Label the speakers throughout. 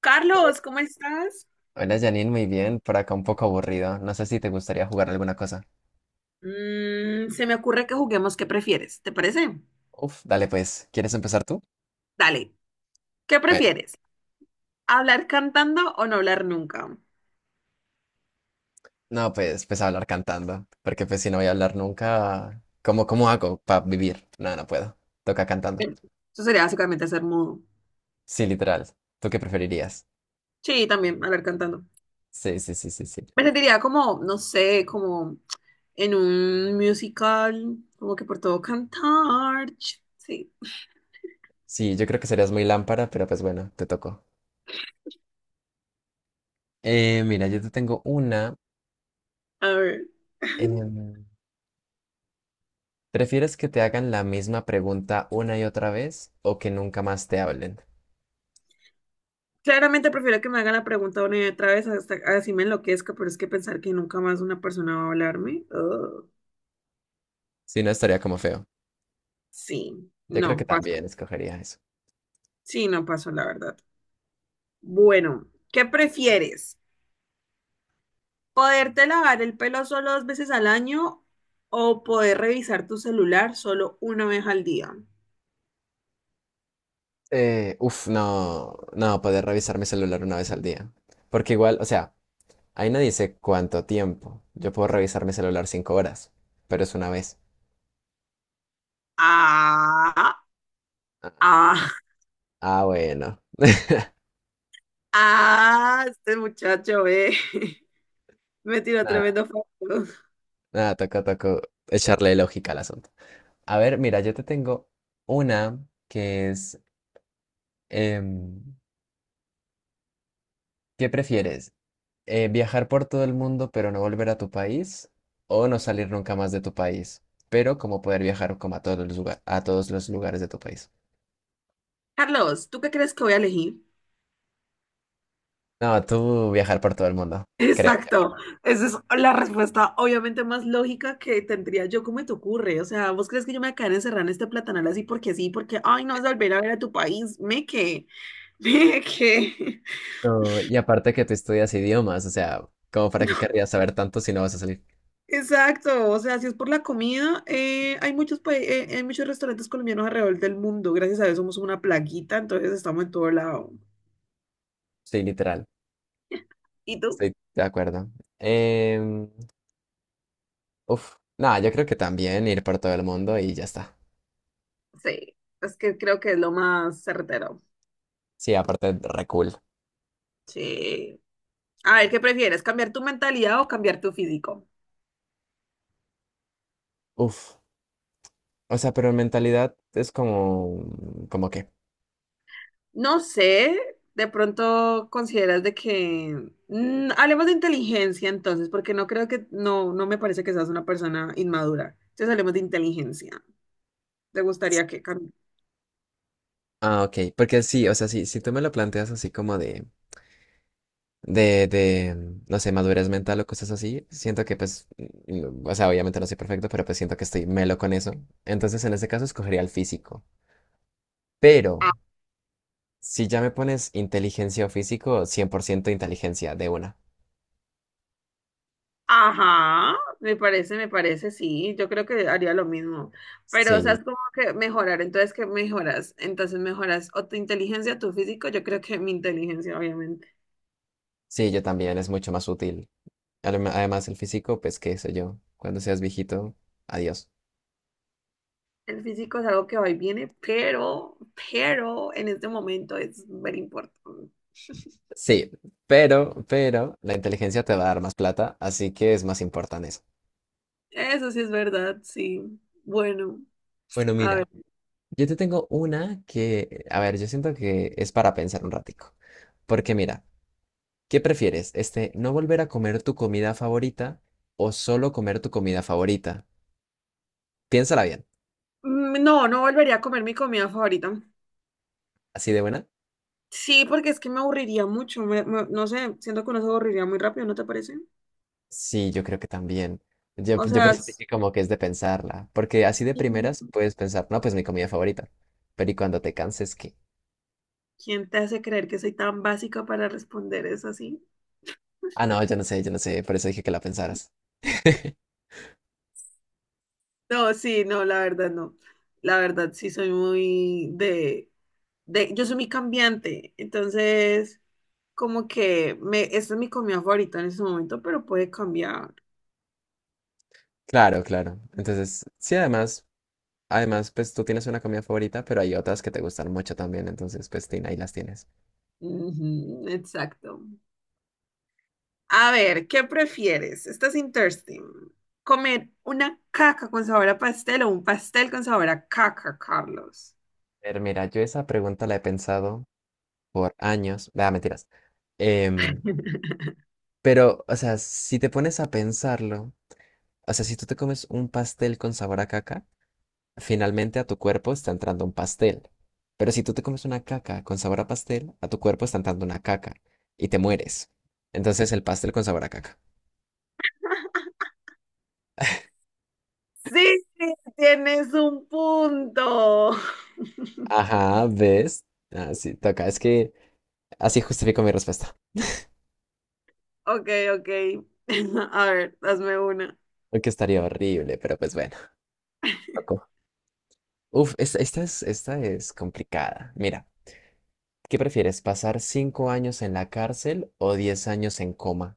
Speaker 1: Carlos, ¿cómo estás?
Speaker 2: Hola Janine, muy bien. Por acá un poco aburrido. No sé si te gustaría jugar alguna cosa.
Speaker 1: Mm, se me ocurre que juguemos. ¿Qué prefieres? ¿Te parece?
Speaker 2: Uf, dale pues. ¿Quieres empezar tú?
Speaker 1: Dale, ¿qué
Speaker 2: Bueno,
Speaker 1: prefieres? ¿Hablar cantando o no hablar nunca?
Speaker 2: no, pues hablar cantando. Porque pues si no voy a hablar nunca, ¿cómo hago para vivir? No, no puedo. Toca cantando.
Speaker 1: Eh, Eso sería básicamente ser mudo.
Speaker 2: Sí, literal. ¿Tú qué preferirías?
Speaker 1: Sí, también hablar cantando.
Speaker 2: Sí, sí, sí, sí, sí.
Speaker 1: Me sentiría como, no sé, como en un musical, como que por todo cantar. Sí,
Speaker 2: Sí, yo creo que serías muy lámpara, pero pues bueno, te tocó. Mira, yo te tengo una.
Speaker 1: a ver.
Speaker 2: em, ¿Prefieres que te hagan la misma pregunta una y otra vez o que nunca más te hablen?
Speaker 1: Claramente prefiero que me hagan la pregunta una y otra vez hasta así me enloquezca, pero es que pensar que nunca más una persona va a hablarme, ugh,
Speaker 2: Si no, estaría como feo.
Speaker 1: sí,
Speaker 2: Yo creo que
Speaker 1: no, paso.
Speaker 2: también escogería eso.
Speaker 1: Sí, no pasó, la verdad. Bueno, ¿qué prefieres? ¿Poderte lavar el pelo solo dos veces al año o poder revisar tu celular solo una vez al día?
Speaker 2: Uf, no, no, poder revisar mi celular una vez al día. Porque igual, o sea, ahí no dice cuánto tiempo. Yo puedo revisar mi celular 5 horas, pero es una vez.
Speaker 1: Ah,
Speaker 2: Ah,
Speaker 1: ah,
Speaker 2: ah, bueno.
Speaker 1: ah, este muchacho, eh. Me tiró
Speaker 2: Nada,
Speaker 1: tremendo foto.
Speaker 2: nada, toca, toca echarle lógica al asunto. A ver, mira, yo te tengo una que es, em, ¿qué prefieres? Viajar por todo el mundo pero no volver a tu país o no salir nunca más de tu país, pero como poder viajar como a todos los lugares, a todos los lugares de tu país.
Speaker 1: Carlos, ¿tú qué crees que voy a elegir?
Speaker 2: No, tú viajar por todo el mundo, creo yo.
Speaker 1: Exacto, esa es la respuesta obviamente más lógica que tendría yo, ¿cómo te ocurre? O sea, ¿vos crees que yo me voy a quedar encerrada en este platanal así porque sí, porque, ay, no vas a volver a ver a tu país, me que, me que.
Speaker 2: No, y aparte que tú estudias idiomas, o sea, ¿como para qué querrías saber tanto si no vas a salir?
Speaker 1: Exacto, o sea, si es por la comida, hay muchos, hay muchos restaurantes colombianos alrededor del mundo, gracias a eso somos una plaguita, entonces estamos en todo lado.
Speaker 2: Sí, literal,
Speaker 1: ¿Y tú?
Speaker 2: estoy de acuerdo. Em, uf, no, yo creo que también ir por todo el mundo y ya está.
Speaker 1: Sí, es que creo que es lo más certero.
Speaker 2: Sí, aparte, re cool.
Speaker 1: Sí. A ver, ¿qué prefieres, cambiar tu mentalidad o cambiar tu físico?
Speaker 2: Uf, o sea, pero en mentalidad es como, ¿como qué?
Speaker 1: No sé, de pronto consideras de que hablemos de inteligencia entonces, porque no creo que… No, no me parece que seas una persona inmadura. Entonces hablemos de inteligencia. ¿Te gustaría que…
Speaker 2: Ah, ok, porque sí, o sea, sí, si tú me lo planteas así como de, no sé, madurez mental o cosas así, siento que pues, o sea, obviamente no soy perfecto, pero pues siento que estoy melo con eso. Entonces, en este caso, escogería el físico. Pero,
Speaker 1: Ah,
Speaker 2: si ya me pones inteligencia o físico, 100% inteligencia de una.
Speaker 1: ajá, me parece, sí. Yo creo que haría lo mismo. Pero, o sea,
Speaker 2: Sí,
Speaker 1: es como que mejorar. Entonces, ¿qué mejoras? Entonces mejoras o tu inteligencia, tu físico. Yo creo que mi inteligencia, obviamente.
Speaker 2: sí, yo también, es mucho más útil. Además, el físico, pues, qué sé yo, cuando seas viejito, adiós.
Speaker 1: El físico es algo que va y viene, pero en este momento es muy importante.
Speaker 2: Sí, pero, la inteligencia te va a dar más plata, así que es más importante eso.
Speaker 1: Eso sí es verdad, sí. Bueno,
Speaker 2: Bueno,
Speaker 1: a
Speaker 2: mira,
Speaker 1: ver.
Speaker 2: yo te tengo una que, a ver, yo siento que es para pensar un ratico. Porque mira, ¿qué prefieres? Este, ¿no volver a comer tu comida favorita o solo comer tu comida favorita? Piénsala bien.
Speaker 1: Mm, no, no volvería a comer mi comida favorita.
Speaker 2: ¿Así de buena?
Speaker 1: Sí, porque es que me aburriría mucho. No sé, siento que uno se aburriría muy rápido, ¿no te parece?
Speaker 2: Sí, yo creo que también. Yo,
Speaker 1: O
Speaker 2: yo por
Speaker 1: sea,
Speaker 2: eso dije como que es de pensarla. Porque así de
Speaker 1: ¿quién
Speaker 2: primeras puedes pensar, no, pues mi comida favorita. Pero ¿y cuando te canses qué?
Speaker 1: te hace creer que soy tan básica para responder eso así?
Speaker 2: Ah, no, yo no sé, yo no sé. Por eso dije que la pensaras.
Speaker 1: No, sí, no, la verdad no. La verdad sí soy muy de, yo soy muy cambiante, entonces como que me, esta es mi comida favorita en ese momento, pero puede cambiar.
Speaker 2: Claro, claro. Entonces, sí, además. Además, pues tú tienes una comida favorita, pero hay otras que te gustan mucho también, entonces pues tin, ahí las tienes.
Speaker 1: Ujú, exacto. A ver, ¿qué prefieres? Esta es interesting. ¿Comer una caca con sabor a pastel o un pastel con sabor a caca, Carlos?
Speaker 2: Pero mira, yo esa pregunta la he pensado por años, vea, mentiras. Em, pero, o sea, si te pones a pensarlo, o sea, si tú te comes un pastel con sabor a caca, finalmente a tu cuerpo está entrando un pastel. Pero si tú te comes una caca con sabor a pastel, a tu cuerpo está entrando una caca y te mueres. Entonces el pastel con sabor a caca.
Speaker 1: Sí, tienes un punto.
Speaker 2: Ajá, ¿ves? Ah, sí, toca. Es que así justifico mi respuesta.
Speaker 1: Ok, ok. A ver, hazme una.
Speaker 2: Que estaría horrible, pero pues bueno. Tocó. Uf, esta es complicada. Mira, ¿qué prefieres? ¿Pasar 5 años en la cárcel o 10 años en coma?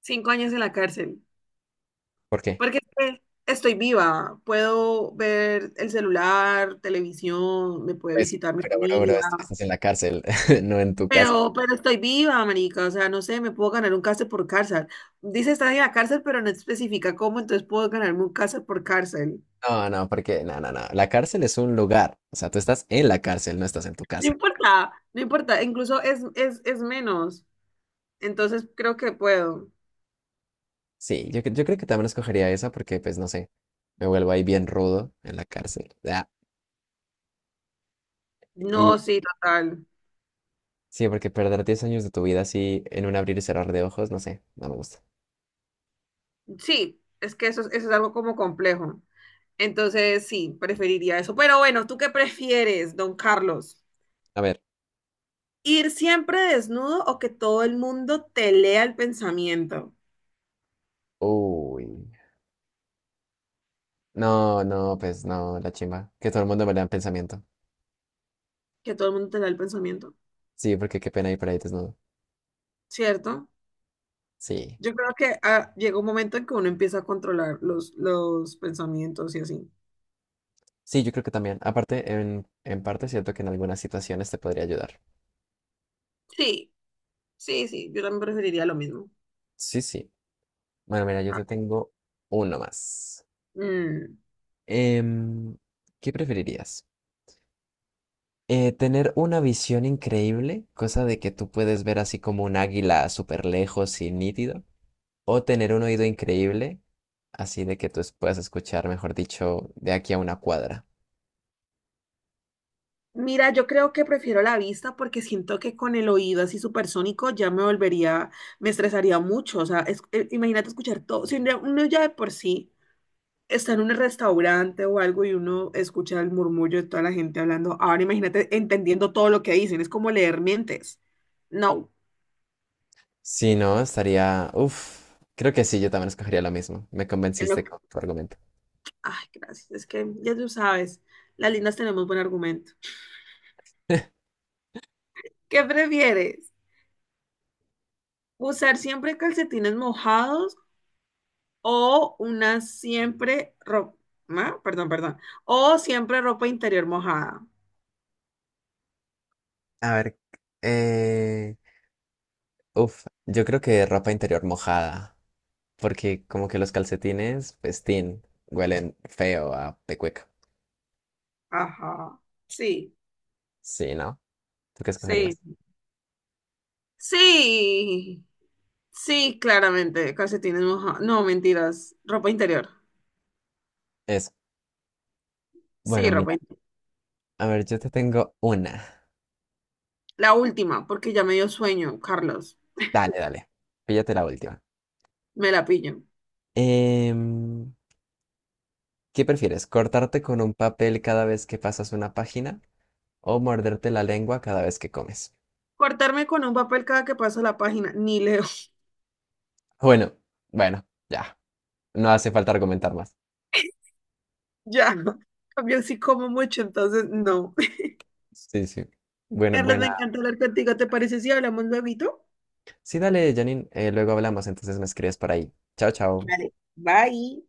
Speaker 1: 5 años en la cárcel.
Speaker 2: ¿Por qué?
Speaker 1: Porque es que estoy viva. Puedo ver el celular, televisión, me puede
Speaker 2: Pues,
Speaker 1: visitar mi
Speaker 2: pero bro, bro,
Speaker 1: familia.
Speaker 2: estás en la cárcel, no en tu casa.
Speaker 1: Pero estoy viva, marica, o sea, no sé, me puedo ganar un cárcel por cárcel. Dice estar en la cárcel, pero no especifica cómo, entonces puedo ganarme un cárcel por cárcel.
Speaker 2: No, no, porque, no, no, no. La cárcel es un lugar. O sea, tú estás en la cárcel, no estás en tu
Speaker 1: No
Speaker 2: casa.
Speaker 1: importa, no importa, incluso es menos, entonces creo que puedo.
Speaker 2: Sí, yo creo que también escogería esa porque, pues, no sé, me vuelvo ahí bien rudo en la cárcel. Ah, y
Speaker 1: No, sí, total.
Speaker 2: sí, porque perder 10 años de tu vida así en un abrir y cerrar de ojos, no sé, no me gusta.
Speaker 1: Sí, es que eso, eso es algo como complejo. Entonces, sí, preferiría eso. Pero bueno, ¿tú qué prefieres, don Carlos?
Speaker 2: A ver.
Speaker 1: ¿Ir siempre desnudo o que todo el mundo te lea el pensamiento?
Speaker 2: Uy. No, no, pues no, la chimba. Que todo el mundo me lea en pensamiento.
Speaker 1: Que todo el mundo te lea el pensamiento,
Speaker 2: Sí, porque qué pena ir por ahí desnudo.
Speaker 1: ¿cierto?
Speaker 2: Sí.
Speaker 1: Yo creo que ah, llega un momento en que uno empieza a controlar los pensamientos y así.
Speaker 2: Sí, yo creo que también. Aparte, en parte es cierto que en algunas situaciones te podría ayudar.
Speaker 1: Sí, sí, sí, yo también preferiría lo mismo.
Speaker 2: Sí, sí. Bueno, mira, yo
Speaker 1: Ah,
Speaker 2: te tengo uno más.
Speaker 1: mm.
Speaker 2: Em, ¿Qué preferirías? ¿Tener una visión increíble, cosa de que tú puedes ver así como un águila súper lejos y nítido? ¿O tener un oído increíble, así de que tú puedas escuchar, mejor dicho, de aquí a una cuadra?
Speaker 1: Mira, yo creo que prefiero la vista porque siento que con el oído así supersónico ya me volvería, me estresaría mucho. O sea, imagínate escuchar todo. Si uno ya de por sí está en un restaurante o algo y uno escucha el murmullo de toda la gente hablando, ahora imagínate entendiendo todo lo que dicen, es como leer mientes. No,
Speaker 2: Si no, estaría. Uf, creo que sí, yo también escogería lo mismo. Me
Speaker 1: en lo,
Speaker 2: convenciste con tu argumento.
Speaker 1: Ay, gracias. Es que ya tú sabes, las lindas tenemos buen argumento. ¿Qué prefieres? ¿Usar siempre calcetines mojados o una siempre ropa, perdón, perdón, o siempre ropa interior mojada?
Speaker 2: A ver, eh, uf, yo creo que ropa interior mojada, porque como que los calcetines, pues, tin, huelen feo a pecueca.
Speaker 1: Ajá. Sí,
Speaker 2: Sí, ¿no? ¿Tú qué
Speaker 1: sí.
Speaker 2: escogerías?
Speaker 1: Sí. Sí, claramente, calcetines mojados. No, mentiras. Ropa interior.
Speaker 2: Eso. Bueno,
Speaker 1: Sí, ropa
Speaker 2: mira,
Speaker 1: interior.
Speaker 2: a ver, yo te tengo una.
Speaker 1: La última, porque ya me dio sueño, Carlos.
Speaker 2: Dale, dale, píllate la última.
Speaker 1: Me la pillo.
Speaker 2: Em, ¿Qué prefieres? ¿Cortarte con un papel cada vez que pasas una página o morderte la lengua cada vez que comes?
Speaker 1: Cortarme con un papel cada que paso la página. Ni leo.
Speaker 2: Bueno, bueno, ya. No hace falta argumentar más.
Speaker 1: Ya, cambio sí como mucho, entonces no.
Speaker 2: Sí, sí. Bueno,
Speaker 1: Carlos, me
Speaker 2: buena.
Speaker 1: encanta hablar contigo. ¿Te parece si hablamos luego?
Speaker 2: Sí, dale, Janine. Luego hablamos, entonces me escribes por ahí. Chao, chao.
Speaker 1: Vale, bye.